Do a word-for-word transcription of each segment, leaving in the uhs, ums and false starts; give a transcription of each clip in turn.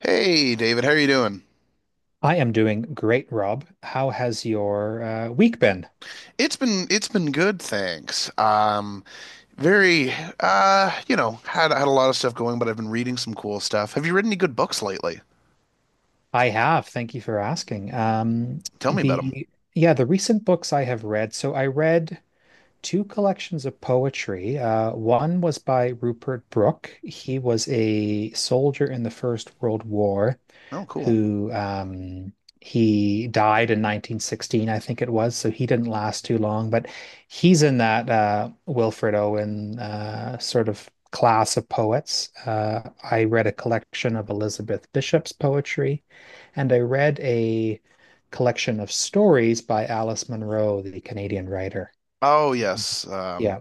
Hey David, how are you doing? I am doing great, Rob. How has your uh, week been? It's been it's been good, thanks. Um, very, uh, you know, had had a lot of stuff going, but I've been reading some cool stuff. Have you read any good books lately? I have. Thank you for asking. Um, Tell me about them. the Yeah, the recent books I have read. So I read two collections of poetry. Uh, one was by Rupert Brooke. He was a soldier in the First World War, Oh, cool. who um, he died in nineteen sixteen, I think it was. So he didn't last too long, but he's in that uh, Wilfred Owen uh, sort of class of poets. Uh, I read a collection of Elizabeth Bishop's poetry, and I read a collection of stories by Alice Munro, the Canadian writer. Oh, Mm-hmm. yes. Yeah, Um,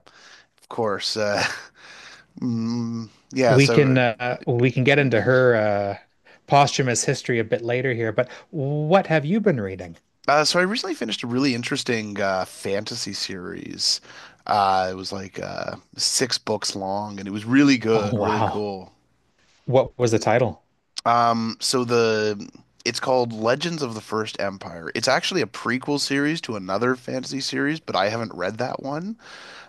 of course. Uh, mm, yeah, we can so uh, we can get into her uh, posthumous history a bit later here, but what have you been reading? uh, so I recently finished a really interesting uh fantasy series. Uh, it was like uh six books long and it was really Oh, good, really wow. cool. What was the title? Um, so the it's called Legends of the First Empire. It's actually a prequel series to another fantasy series, but I haven't read that one.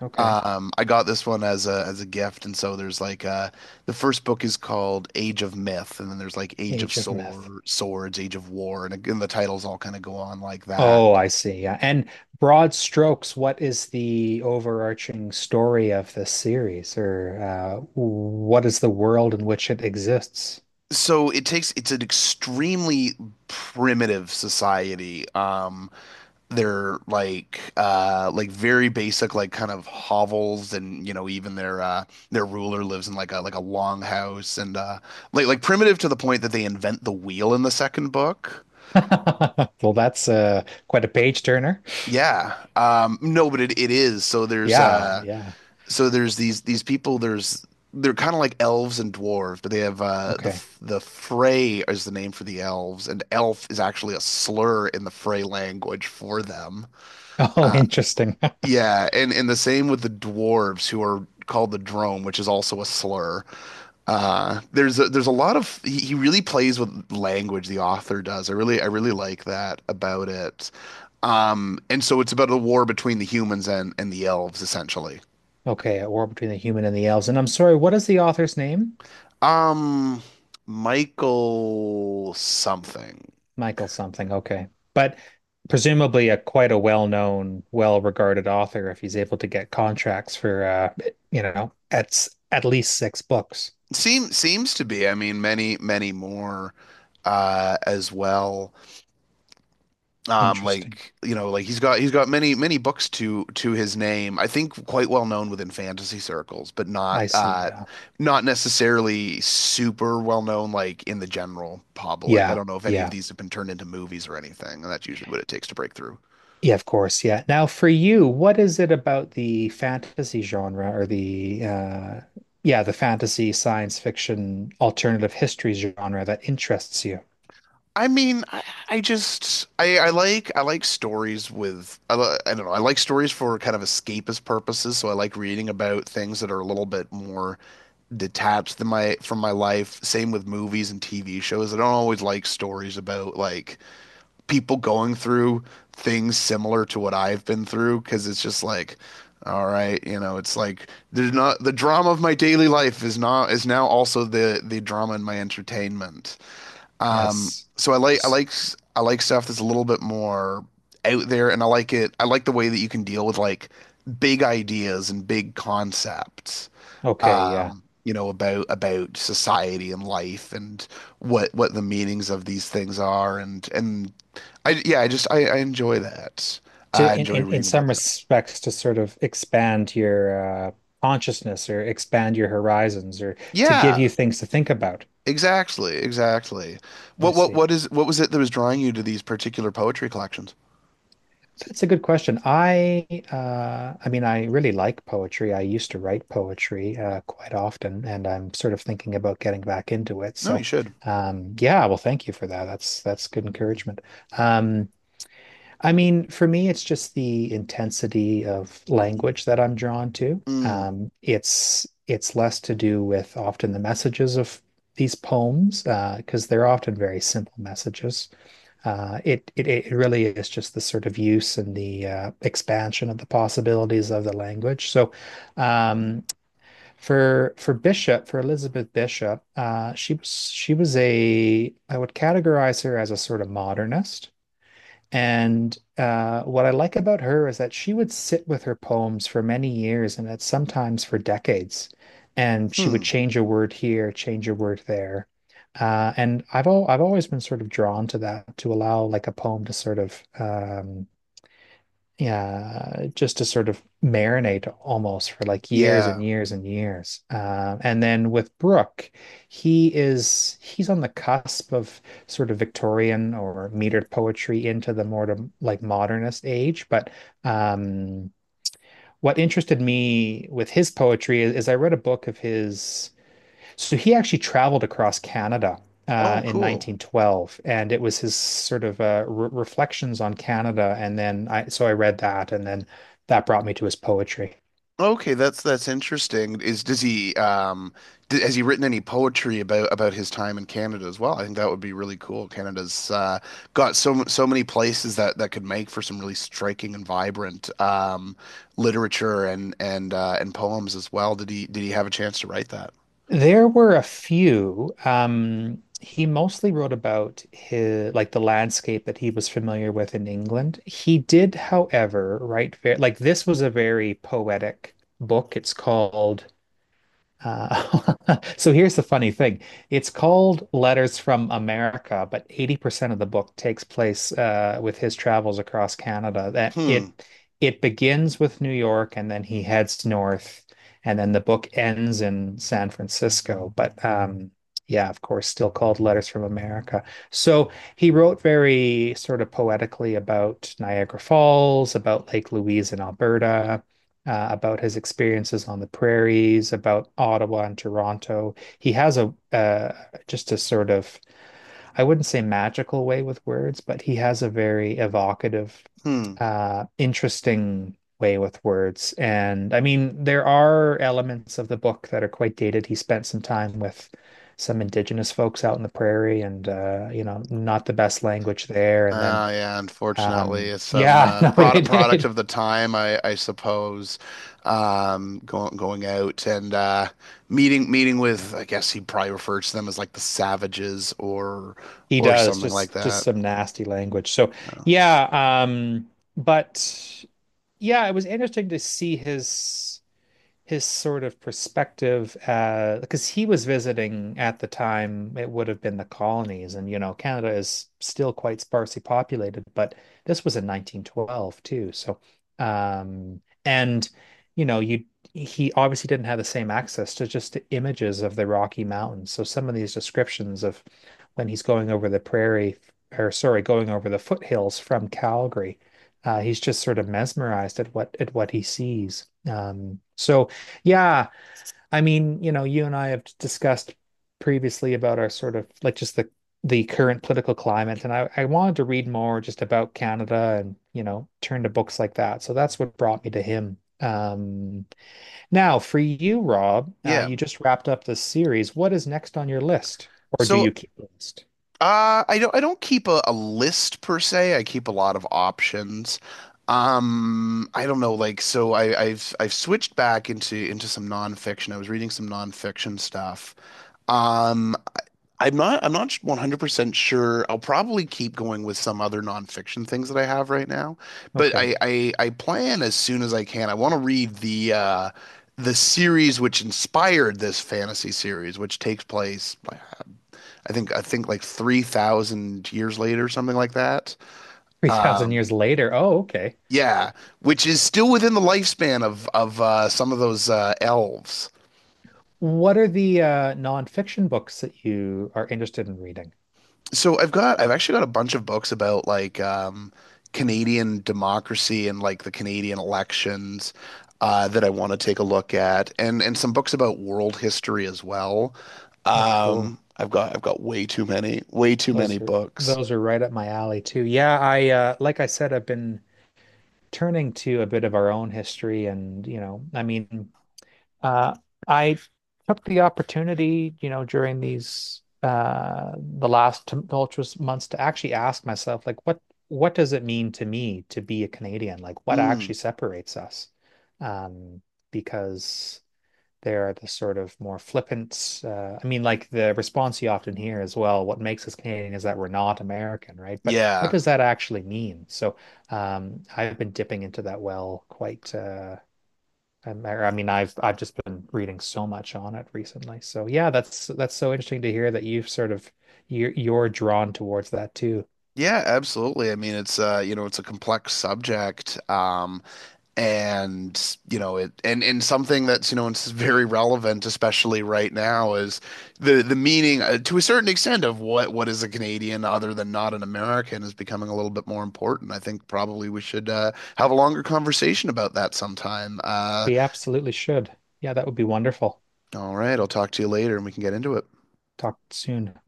Okay. Um, I got this one as a as a gift, and so there's like uh, the first book is called Age of Myth, and then there's like Age of Age of Myth. Sword, Swords, Age of War, and, and the titles all kind of go on like that. Oh, I see. Yeah. And broad strokes, what is the overarching story of this series, or uh, what is the world in which it exists? So it takes it's an extremely primitive society. Um, their like uh like very basic like kind of hovels, and you know, even their uh their ruler lives in like a like a long house, and uh like like primitive to the point that they invent the wheel in the second book. Well, that's uh, quite a page turner. Yeah. Um no, but it, it is. So there's Yeah, uh yeah. So there's these these people there's they're kind of like elves and dwarves, but they have uh the Okay. f- the Frey is the name for the elves, and elf is actually a slur in the Frey language for them. Oh, interesting. Yeah, and and the same with the dwarves who are called the drome, which is also a slur. Uh, there's a, there's a lot of he, he really plays with language, the author does. I really I really like that about it. Um, and so it's about a war between the humans and and the elves essentially. Okay, a war between the human and the elves. And I'm sorry, what is the author's name? Um, Michael something. Michael something. Okay. But presumably a quite a well-known, well-regarded author if he's able to get contracts for uh you know, at at least six books. Seem seems to be. I mean, many many more uh as well. Um, Interesting. like you know, like he's got he's got many many books to to his name. I think quite well known within fantasy circles, but not I see. uh Yeah. not necessarily super well known like in the general public. I Yeah. don't know if any of Yeah. these have been turned into movies or anything, and that's usually what it takes to break through. Yeah, of course. Yeah. Now for you, what is it about the fantasy genre or the uh yeah, the fantasy, science fiction, alternative history genre that interests you? I mean, I, I just I, I like I like stories with I, li- I don't know, I like stories for kind of escapist purposes. So I like reading about things that are a little bit more detached than my from my life. Same with movies and T V shows. I don't always like stories about like people going through things similar to what I've been through, because it's just like, all right, you know, it's like there's not the drama of my daily life is not is now also the the drama in my entertainment. Um, Yes. so I like I S- like s- I like stuff that's a little bit more out there, and I like it. I like the way that you can deal with like big ideas and big concepts. Okay, yeah. Um, you know, about about society and life, and what what the meanings of these things are, and and I yeah, I just, I, I enjoy that. I To in, enjoy in in reading about some that. respects to sort of expand your uh, consciousness or expand your horizons or to give Yeah, you things to think about. exactly, exactly. I What what see. what is what was it that was drawing you to these particular poetry collections? That's a good question. I uh, I mean, I really like poetry. I used to write poetry uh, quite often, and I'm sort of thinking about getting back into it. No, you So, should. um, yeah, well, thank you for that. That's that's good encouragement. Um, I mean, for me, it's just the intensity of language that I'm drawn to. Mm. Um, it's it's less to do with often the messages of these poems, uh, because they're often very simple messages. Uh, it, it it really is just the sort of use and the uh, expansion of the possibilities of the language. So, um, for for Bishop, for Elizabeth Bishop, uh, she was she was a I would categorize her as a sort of modernist. And uh, what I like about her is that she would sit with her poems for many years and that sometimes for decades. And she would Hmm. change a word here, change a word there. Uh, and I've al I've always been sort of drawn to that, to allow like a poem to sort of um, yeah, uh, just to sort of marinate almost for like years and Yeah. years and years. Um, and then with Brooke, he is he's on the cusp of sort of Victorian or metered poetry into the more to, like modernist age. But um, what interested me with his poetry is, is I read a book of his, so he actually traveled across Canada Oh, uh, in cool. nineteen twelve, and it was his sort of uh, re reflections on Canada. And then I, so I read that, and then that brought me to his poetry. Okay, that's that's interesting. Is does he um d has he written any poetry about about his time in Canada as well? I think that would be really cool. Canada's uh got so m- so many places that that could make for some really striking and vibrant um literature and and uh and poems as well. Did he did he have a chance to write that? There were a few. Um, he mostly wrote about his like the landscape that he was familiar with in England. He did, however, write like this was a very poetic book. It's called, Uh, so here's the funny thing. It's called Letters from America, but eighty percent of the book takes place uh, with his travels across Canada. That it Hmm. it begins with New York and then he heads north and then the book ends in San Francisco. But um, yeah, of course, still called Letters from America. So he wrote very sort of poetically about Niagara Falls, about Lake Louise in Alberta, uh, about his experiences on the prairies, about Ottawa and Toronto. He has a uh, just a sort of, I wouldn't say magical way with words, but he has a very evocative, Hmm. uh, interesting way with words. And I mean, there are elements of the book that are quite dated. He spent some time with some indigenous folks out in the prairie and uh, you know, not the best language there. And then Uh, yeah, unfortunately, um it's some yeah, uh, no, product it, product it of the time, I I suppose. Um, going going out and, uh, meeting meeting with, I guess he probably refers to them as like the savages, or He or does, something like just just that. some nasty language. So yeah, um, but yeah, it was interesting to see his his sort of perspective, uh, because he was visiting at the time, it would have been the colonies, and you know, Canada is still quite sparsely populated, but this was in nineteen twelve too. So, um, and you know, you he obviously didn't have the same access to just the images of the Rocky Mountains. So some of these descriptions of when he's going over the prairie, or sorry, going over the foothills from Calgary. Uh, he's just sort of mesmerized at what at what he sees. Um, so yeah, I mean, you know, you and I have discussed previously about our sort of like just the the current political climate, and I, I wanted to read more just about Canada and, you know, turn to books like that. So that's what brought me to him. Um, now for you, Rob, uh, Yeah. you just wrapped up this series. What is next on your list? Or do So, you keep a list? uh, I don't I don't keep a, a list per se. I keep a lot of options. Um, I don't know, like so I, I've I've switched back into into some nonfiction. I was reading some nonfiction stuff. Um, I'm not I'm not one hundred percent sure. I'll probably keep going with some other nonfiction things that I have right now, but Okay. I I, I plan as soon as I can. I want to read the uh the series which inspired this fantasy series, which takes place I think I think like three thousand years later, something like that. three thousand Um years later. Oh, okay. yeah, which is still within the lifespan of of uh, some of those uh, elves. What are the uh, nonfiction books that you are interested in reading? So I've got I've actually got a bunch of books about like um, Canadian democracy and like the Canadian elections, uh, that I want to take a look at, and and some books about world history as well. Oh, cool. Um, I've got I've got way too many way too many Those are books. those are right up my alley too. Yeah, I uh like I said, I've been turning to a bit of our own history and, you know, I mean, uh I took the opportunity, you know, during these uh the last tumultuous months to actually ask myself like what what does it mean to me to be a Canadian? Like what Hmm. actually separates us? Um because they are the sort of more flippant. Uh, I mean, like the response you often hear as well, what makes us Canadian is that we're not American, right? But what Yeah. does that actually mean? So um, I've been dipping into that well quite. Uh, i I mean, I've I've just been reading so much on it recently. So yeah, that's that's so interesting to hear that you've sort of you're you're drawn towards that too. Yeah, absolutely. I mean, it's uh, you know, it's a complex subject. Um, and you know it, and and something that's, you know, it's very relevant especially right now is the the meaning, uh, to a certain extent, of what what is a Canadian other than not an American is becoming a little bit more important. I think probably we should, uh, have a longer conversation about that sometime. Uh, We absolutely should. Yeah, that would be wonderful. all right, I'll talk to you later and we can get into it. Talk soon.